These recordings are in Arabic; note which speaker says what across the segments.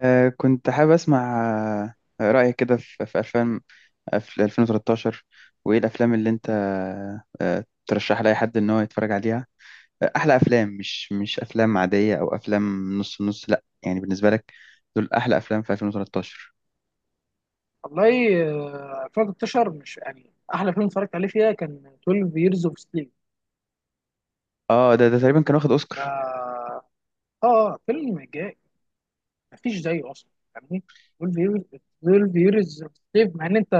Speaker 1: كنت حابب أسمع رأيك كده في أفلام في 2013. وإيه الأفلام اللي أنت ترشح لأي حد إن هو يتفرج عليها؟ أحلى أفلام، مش أفلام عادية أو أفلام نص نص، لأ يعني بالنسبة لك دول أحلى أفلام في 2013.
Speaker 2: والله. آه، 2013 مش يعني احلى فيلم اتفرجت عليه فيها كان 12 years of sleep.
Speaker 1: ده تقريبا كان واخد
Speaker 2: ده
Speaker 1: أوسكار.
Speaker 2: اه فيلم جاي، مفيش زيه اصلا، فاهمني. 12 years، 12 years of sleep، مع ان انت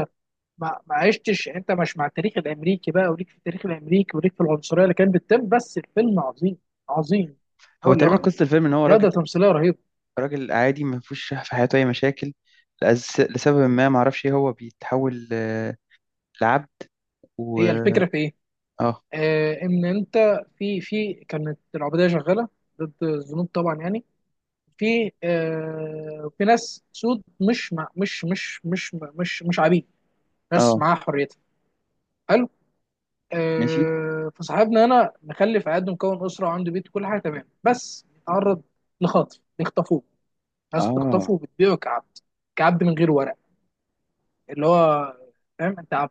Speaker 2: ما عشتش يعني، انت مش مع التاريخ الامريكي بقى، وليك في التاريخ الامريكي، وليك في العنصريه اللي كانت بتتم، بس الفيلم عظيم، عظيم.
Speaker 1: هو
Speaker 2: اقول لك،
Speaker 1: تقريبا قصة الفيلم إن هو راجل
Speaker 2: جوده تمثيليه رهيبه.
Speaker 1: راجل عادي ما فيهوش في حياته أي مشاكل. لسبب ما معرفش إيه هو بيتحول، لعبد. و
Speaker 2: هي الفكره في ايه؟
Speaker 1: آه
Speaker 2: آه ان انت في كانت العبوديه شغاله ضد الذنوب طبعا يعني. في آه في ناس سود، مش مع مش مش مش مش مش عبيد، ناس
Speaker 1: آه،
Speaker 2: معاها حريتها. حلو.
Speaker 1: ماشي،
Speaker 2: آه فصاحبنا هنا مخلف عقد، مكون اسره وعنده بيت وكل حاجه تمام، بس يتعرض لخطف، يخطفوه. ناس بتخطفه
Speaker 1: آه.
Speaker 2: وبتبيعه كعبد، كعبد من غير ورق، اللي هو فاهم انت عبد،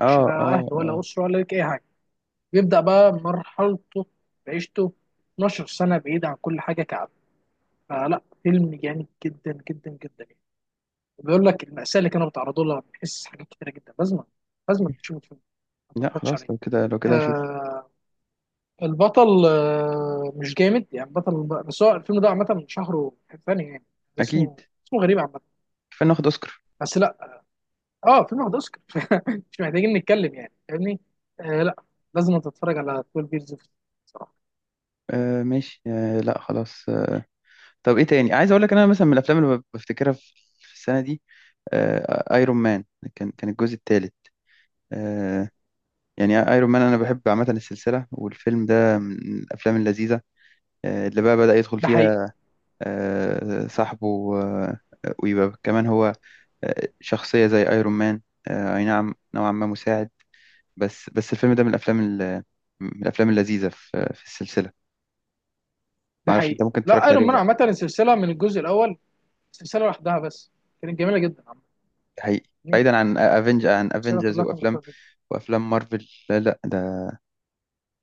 Speaker 1: اه،
Speaker 2: لا
Speaker 1: اه،
Speaker 2: اهل
Speaker 1: اه.
Speaker 2: ولا اسره ولا لك اي حاجه. بيبدا بقى مرحلته، بعيشته، 12 سنه بعيد عن كل حاجه كعبد. فلا فيلم جامد جدا جدا جدا. بيقول لك المأساة اللي كانوا بيتعرضوا لها، بتحس حاجات كتيرة جدا. لازم، لازم تشوف الفيلم، ما
Speaker 1: لا
Speaker 2: تتفرجش
Speaker 1: خلاص،
Speaker 2: عليه.
Speaker 1: لو كده، لو كده هشوف.
Speaker 2: آه البطل آه مش جامد يعني بطل، بس هو الفيلم ده عامة من شهره ثاني يعني.
Speaker 1: اكيد،
Speaker 2: اسمه، اسمه غريب عامة،
Speaker 1: كفايه ناخد اوسكار.
Speaker 2: بس لا. اه فيلم واخد اوسكار. مش محتاجين نتكلم يعني، فاهمني. آه لا، لازم تتفرج على 12 بيرز صراحة.
Speaker 1: آه، ماشي، آه. لا خلاص، آه. طب ايه تاني؟ عايز اقول لك انا مثلا، من الافلام اللي بفتكرها في السنه دي، آه، ايرون مان. كان الجزء الثالث. آه، يعني ايرون مان انا بحب عامه السلسله، والفيلم ده من الافلام اللذيذه، اللي بقى بدأ يدخل
Speaker 2: ده حقيقي.
Speaker 1: فيها صاحبه، ويبقى كمان هو شخصيه زي ايرون مان، اي نعم، نوعا ما مساعد. بس الفيلم ده من من الافلام اللذيذه في السلسله. ما
Speaker 2: ده
Speaker 1: اعرفش
Speaker 2: حقيقي.
Speaker 1: انت ممكن
Speaker 2: لا
Speaker 1: اتفرجت عليه
Speaker 2: ايرون
Speaker 1: ولا
Speaker 2: مان
Speaker 1: لا؟
Speaker 2: عامة السلسلة من الجزء الأول، سلسلة لوحدها، بس كانت جميلة جدا عامة.
Speaker 1: ده حقيقي. بعيدا عن
Speaker 2: السلسلة
Speaker 1: افنجرز
Speaker 2: كلها كانت
Speaker 1: وافلام مارفل. لا لا، ده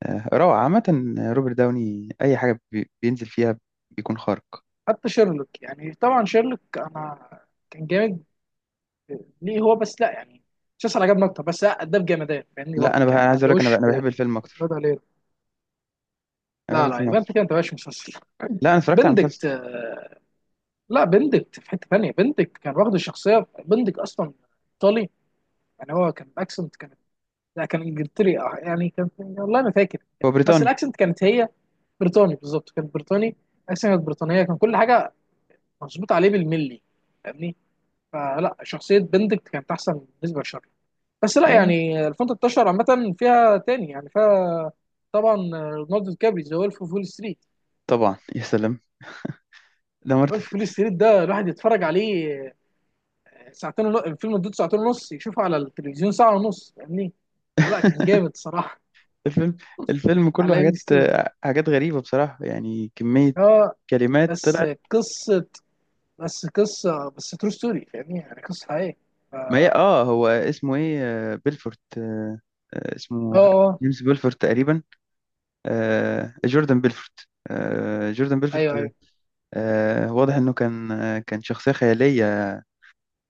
Speaker 1: روعه عامه. روبرت داوني اي حاجه بينزل فيها بيكون خارق.
Speaker 2: حتى شيرلوك. يعني طبعا شيرلوك انا كان جامد، ليه هو بس، لا يعني مسلسل عجبني اكتر، بس لا اداه بجمدان، فاهمني
Speaker 1: لا،
Speaker 2: برضه
Speaker 1: انا بح-
Speaker 2: يعني،
Speaker 1: انا
Speaker 2: ما
Speaker 1: عايز اقول لك، انا ب-
Speaker 2: اداهوش.
Speaker 1: انا بحب الفيلم اكتر.
Speaker 2: بندى ليه؟
Speaker 1: انا بحب
Speaker 2: لا لا،
Speaker 1: الفيلم
Speaker 2: يبقى انت
Speaker 1: اكتر.
Speaker 2: كده انت مش مسلسل.
Speaker 1: لا انا اتفرجت على
Speaker 2: بندكت،
Speaker 1: المسلسل.
Speaker 2: آه، لا بندكت في حته ثانيه، بندكت كان واخد الشخصيه، بندكت اصلا ايطالي يعني. هو كان الاكسنت كانت، لا كان انجلتري، آه، يعني كان، والله ما فاكر كان،
Speaker 1: هو
Speaker 2: بس
Speaker 1: بريطاني.
Speaker 2: الاكسنت كانت هي بريطاني، بالظبط كان بريطاني. الاكسنت كانت بريطانيه، كان كل حاجه مظبوط عليه بالملي، فاهمني. فلا شخصيه بندكت كانت احسن بالنسبه لشارلوك. بس لا
Speaker 1: لا،
Speaker 2: يعني، 2013 عامة فيها تاني يعني فيها طبعا ليوناردو دي كابري، ذا ويلف اوف وول ستريت.
Speaker 1: طبعا يا سلام، ده مارتن.
Speaker 2: ويلف اوف وول ستريت ده، الواحد يتفرج عليه ساعتين ونص، الفيلم مدته ساعتين ونص، يشوفه على التلفزيون ساعة ونص، فاهمني؟ لا كان جامد صراحة.
Speaker 1: الفيلم الفيلم كله
Speaker 2: على ام
Speaker 1: حاجات،
Speaker 2: 2.
Speaker 1: حاجات غريبه بصراحه، يعني كميه
Speaker 2: اه،
Speaker 1: كلمات
Speaker 2: بس
Speaker 1: طلعت.
Speaker 2: قصة، بس قصة، بس ترو ستوري، فاهمني؟ يعني قصة حقيقية. ف-
Speaker 1: ما هي،
Speaker 2: اه.
Speaker 1: هو اسمه ايه؟ بيلفورت،
Speaker 2: اه،
Speaker 1: اسمه
Speaker 2: اه،
Speaker 1: جيمس بيلفورت تقريبا. جوردان بيلفورت، جوردان بيلفورت.
Speaker 2: ايوه ايوه.
Speaker 1: واضح انه كان، كان شخصية خيالية،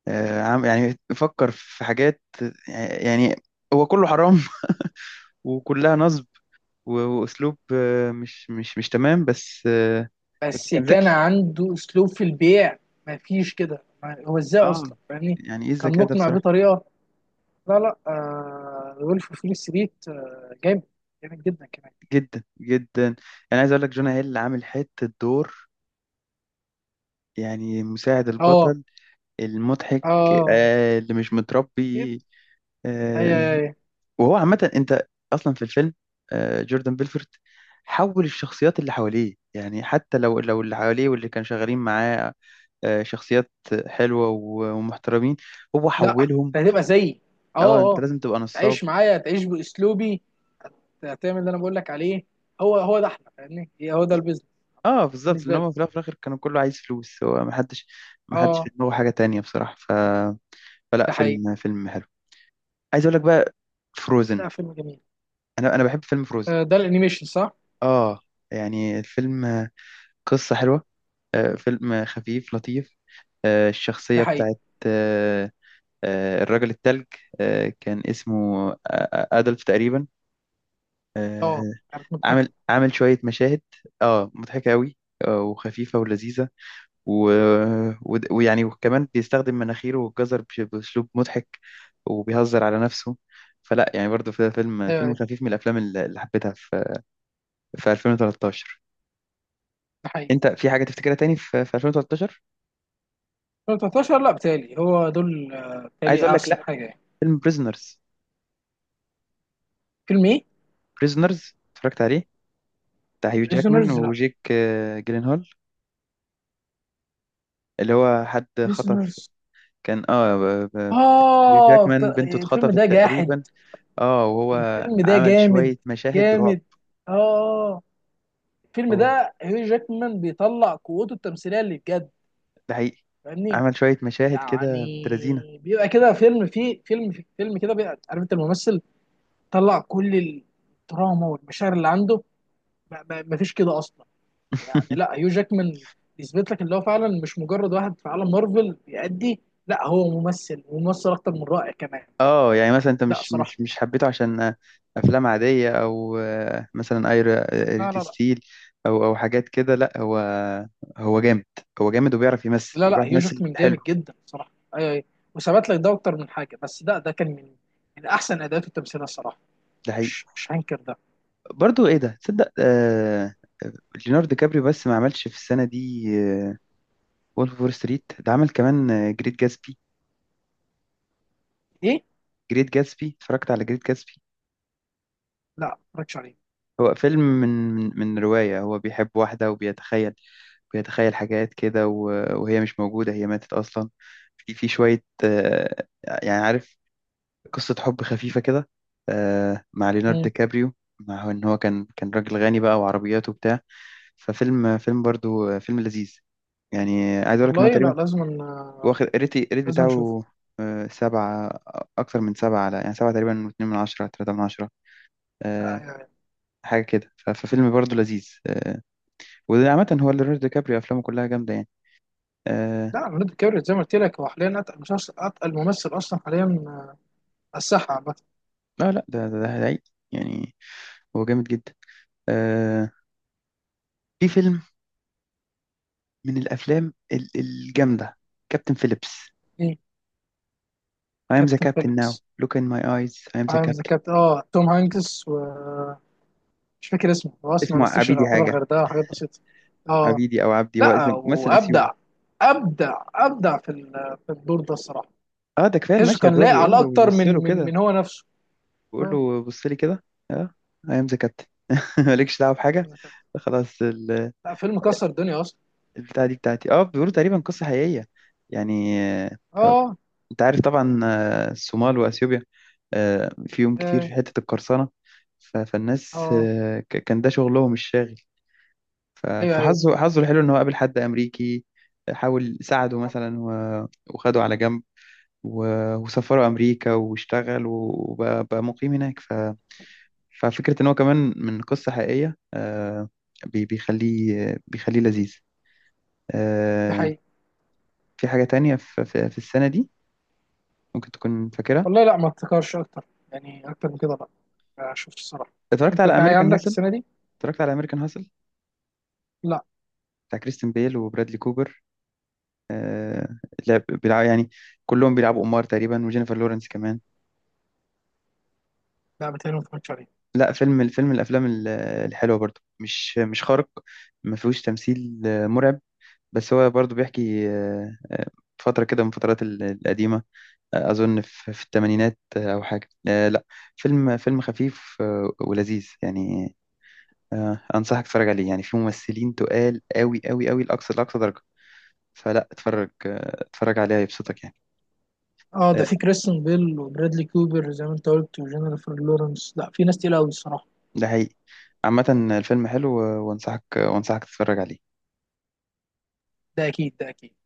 Speaker 1: عم يعني فكر في حاجات، يعني هو كله حرام. وكلها نصب. واسلوب مش تمام، بس بس
Speaker 2: بس
Speaker 1: كان
Speaker 2: كان
Speaker 1: ذكي.
Speaker 2: عنده اسلوب في البيع، ما فيش كده. ما- هو ازاي
Speaker 1: اه،
Speaker 2: اصلا، فاهمني؟
Speaker 1: يعني ايه
Speaker 2: كان
Speaker 1: الذكاء ده
Speaker 2: مقنع
Speaker 1: بصراحة؟
Speaker 2: بطريقة. لا لا، آه وولف اوف وول ستريت آه جامد، جامد جدا كمان.
Speaker 1: جدا جدا. انا عايز اقول لك، جونا هيل عامل حتة دور، يعني مساعد
Speaker 2: اه
Speaker 1: البطل المضحك،
Speaker 2: اه.
Speaker 1: اللي مش
Speaker 2: جد-.
Speaker 1: متربي.
Speaker 2: اي
Speaker 1: آه،
Speaker 2: اي اي.
Speaker 1: وهو عامة أنت أصلا في الفيلم، جوردن بيلفورت حول الشخصيات اللي حواليه، يعني حتى لو اللي حواليه واللي كانوا شغالين معاه شخصيات حلوة ومحترمين، هو
Speaker 2: لا
Speaker 1: حولهم.
Speaker 2: انت هتبقى زيي.
Speaker 1: اه،
Speaker 2: اه
Speaker 1: انت
Speaker 2: اه.
Speaker 1: لازم تبقى نصاب.
Speaker 2: تعيش معايا، تعيش باسلوبي، تعمل اللي انا بقول لك عليه. هو ده احنا، فاهمني، هي- هو ده البيزنس.
Speaker 1: اه بالظبط، لان
Speaker 2: بالنسبه لي.
Speaker 1: هو في الأول وفي الاخر كانوا كله عايز فلوس، هو ما حدش في
Speaker 2: اه.
Speaker 1: دماغه حاجة تانية بصراحة. فلا،
Speaker 2: ده حقيقي.
Speaker 1: فيلم حلو. عايز اقول لك بقى، فروزن.
Speaker 2: ده فيلم جميل.
Speaker 1: انا بحب فيلم فروزن.
Speaker 2: آه ده الانيميشن صح.
Speaker 1: اه يعني الفيلم قصة حلوة. فيلم خفيف لطيف،
Speaker 2: ده
Speaker 1: الشخصية
Speaker 2: حقيقي.
Speaker 1: بتاعت، الراجل التلج، كان اسمه أدلف تقريبا.
Speaker 2: اه،
Speaker 1: آه،
Speaker 2: كانت مضحكه.
Speaker 1: عامل شوية مشاهد، اه مضحكة أوي، وخفيفة ولذيذة. و... ويعني وكمان بيستخدم مناخيره والجزر بأسلوب مضحك، وبيهزر على نفسه. فلا يعني برضه، في فيلم
Speaker 2: ايوه
Speaker 1: فيلم
Speaker 2: ايوه.
Speaker 1: خفيف من الأفلام اللي حبيتها في في 2013.
Speaker 2: ده حقيقي.
Speaker 1: أنت في حاجة تفتكرها تاني في في 2013؟
Speaker 2: 2013 لا بتالي هو دول، آه،
Speaker 1: عايز
Speaker 2: بتالي
Speaker 1: أقول لك،
Speaker 2: احسن
Speaker 1: لا،
Speaker 2: حاجه يعني.
Speaker 1: فيلم بريزنرز.
Speaker 2: فيلم ايه؟
Speaker 1: بريزنرز، اتفرجت عليه، بتاع هيو جاكمان
Speaker 2: بريزونرز لا.
Speaker 1: وجيك جيلنهول، اللي هو حد خطف.
Speaker 2: بريزونرز،
Speaker 1: كان هيو
Speaker 2: اه ط-
Speaker 1: جاكمان بنته
Speaker 2: الفيلم
Speaker 1: اتخطفت
Speaker 2: ده جاحد.
Speaker 1: تقريبا. اه، وهو
Speaker 2: الفيلم ده
Speaker 1: عمل
Speaker 2: جامد،
Speaker 1: شوية مشاهد رعب.
Speaker 2: جامد. اه. الفيلم
Speaker 1: هو
Speaker 2: ده هيو جاكمان بيطلع قوته التمثيليه اللي بجد،
Speaker 1: ده حقيقي،
Speaker 2: فاهمني.
Speaker 1: عمل شوية مشاهد كده، بنت لذينة.
Speaker 2: يعني بيبقى كده فيلم فيه، فيلم فيلم كده بيبقى عارف انت الممثل طلع كل الدراما والمشاعر اللي عنده. ما فيش كده اصلا يعني. لا هيو جاكمان يثبت لك اللي هو فعلا مش مجرد واحد في عالم مارفل بيأدي، لا هو ممثل وممثل اكتر من رائع كمان.
Speaker 1: اه، يعني مثلا انت
Speaker 2: لا
Speaker 1: مش
Speaker 2: صراحه.
Speaker 1: مش مش حبيته عشان افلام عادية، او مثلا ايرا
Speaker 2: لا
Speaker 1: ريد
Speaker 2: لا
Speaker 1: ستيل، او حاجات كده؟ لا، هو، هو جامد هو جامد وبيعرف يمثل،
Speaker 2: لا
Speaker 1: وبيعرف
Speaker 2: هيوجك
Speaker 1: يمثل
Speaker 2: من
Speaker 1: حلو.
Speaker 2: جامد جدا صراحه. ايوه ايوه. وثبت لك ده اكتر من حاجه، بس ده كان من من احسن اداءات التمثيل الصراحه.
Speaker 1: ده حقيقي.
Speaker 2: مش، مش هنكر ده.
Speaker 1: برضو ايه ده؟ تصدق، آه، ليوناردو كابريو، بس ما عملش في السنة دي وولف اوف وول ستريت، ده عمل كمان جريت جاتسبي.
Speaker 2: ايه؟
Speaker 1: جريت جاتسبي، اتفرجت على جريت جاتسبي؟
Speaker 2: لا ما اتفرجتش عليه.
Speaker 1: هو فيلم من، من رواية. هو بيحب واحدة وبيتخيل، بيتخيل حاجات كده، وهي مش موجودة، هي ماتت أصلا. في شوية، يعني عارف، قصة حب خفيفة كده، مع ليوناردو
Speaker 2: مم.
Speaker 1: كابريو. مع ان هو كان راجل غني بقى وعربياته وبتاع. ففيلم، فيلم برضو فيلم لذيذ يعني. عايز اقول لك ان هو
Speaker 2: والله لا
Speaker 1: تقريبا
Speaker 2: لازم، آه،
Speaker 1: واخد الريت
Speaker 2: لازم نشوفه.
Speaker 1: بتاعه سبعة. أكتر من سبعة على، يعني سبعة تقريبا، واتنين من عشرة، تلاتة من عشرة، آه،
Speaker 2: آه،
Speaker 1: حاجة كده. ففيلم برضه لذيذ. وده عامة هو ليوناردو دي كابريو، أفلامه كلها جامدة يعني. آه،
Speaker 2: لا ليوناردو كابريو زي ما قلت لك، هو حاليا اتقل مسلسل، اتقل ممثل اصلا حاليا، آه، على الساحه عامه.
Speaker 1: لا لا، ده، ده هيعيق. يعني هو جامد جدا. آه، في فيلم من الجامدة، كابتن فيليبس.
Speaker 2: ايه؟
Speaker 1: I am the
Speaker 2: كابتن
Speaker 1: captain now.
Speaker 2: فيليبس.
Speaker 1: Look in my eyes, I am the
Speaker 2: عامل ذا
Speaker 1: captain.
Speaker 2: كابتن، اه توم هانكس و، مش فاكر اسمه، هو اسمه ما
Speaker 1: اسمه
Speaker 2: مثلش
Speaker 1: عبيدي
Speaker 2: يعتبر
Speaker 1: حاجة.
Speaker 2: غير ده، حاجات بسيطه. اه.
Speaker 1: عبيدي أو عبدي، هو
Speaker 2: لا
Speaker 1: ممثل
Speaker 2: وابدع،
Speaker 1: أثيوبي.
Speaker 2: ابدع، ابدع في ال- في الدور ده الصراحه.
Speaker 1: اه، ده كفاية
Speaker 2: تحسه
Speaker 1: المشهد،
Speaker 2: كان
Speaker 1: هو
Speaker 2: لايق
Speaker 1: بيقول
Speaker 2: على
Speaker 1: له
Speaker 2: اكتر
Speaker 1: بيبص له
Speaker 2: من من
Speaker 1: كده،
Speaker 2: من هو نفسه.
Speaker 1: بقول
Speaker 2: اه.
Speaker 1: له بص لي كده. اه، ايام ذا كابتن. مالكش دعوه بحاجه.
Speaker 2: عايز كده.
Speaker 1: خلاص
Speaker 2: لا فيلم كسر الدنيا اصلا.
Speaker 1: البتاعه دي بتاعتي. اه، بيقولوا تقريبا قصه حقيقيه يعني.
Speaker 2: اه.
Speaker 1: انت عارف طبعا، الصومال واثيوبيا، فيهم كتير
Speaker 2: اه.
Speaker 1: في حته القرصنه. فالناس،
Speaker 2: اه.
Speaker 1: كان ده شغلهم الشاغل.
Speaker 2: ايوه ايوه.
Speaker 1: فحظه، حظه الحلو ان هو قابل حد امريكي. حاول ساعده مثلا، وخده على جنب، وسافره امريكا، واشتغل وبقى، بقى مقيم هناك. ففكرة إن هو كمان من قصة حقيقية بيخليه لذيذ.
Speaker 2: ده
Speaker 1: آه،
Speaker 2: حقيقي.
Speaker 1: في حاجة تانية في السنة دي ممكن تكون فاكرها؟
Speaker 2: والله لا ما افتكرش اكتر، يعني اكتر من كده لا، ما شفتش الصراحه.
Speaker 1: اتفرجت
Speaker 2: انت
Speaker 1: على
Speaker 2: في حاجه
Speaker 1: أمريكان
Speaker 2: عندك
Speaker 1: هاسل.
Speaker 2: السنه دي؟
Speaker 1: اتفرجت على أمريكان هاسل
Speaker 2: لا.
Speaker 1: بتاع كريستين بيل وبرادلي كوبر. آه، لعب بيلعب يعني، كلهم بيلعبوا أمار تقريبا، وجينيفر لورنس كمان.
Speaker 2: لا، بتهيألي ما اتفرجتش عليه.
Speaker 1: لا، فيلم، الفيلم من الحلوة برضو، مش خارق. ما فيهوش تمثيل مرعب، بس هو برضو بيحكي فترة كده من فترات القديمة. أظن في الثمانينات أو حاجة، لا. فيلم خفيف ولذيذ يعني. أنصحك تتفرج عليه، يعني فيه ممثلين تقال قوي قوي قوي، لأقصى درجة. فلا اتفرج، اتفرج عليه هيبسطك يعني.
Speaker 2: اه ده
Speaker 1: آه،
Speaker 2: في كريستون بيل وبرادلي كوبر زي ما انت قلت، وجينيفر لورنس، لا في ناس تقيله قوي الصراحه.
Speaker 1: ده حقيقي. عامة الفيلم حلو، وأنصحك تتفرج عليه.
Speaker 2: ده اكيد، ده اكيد.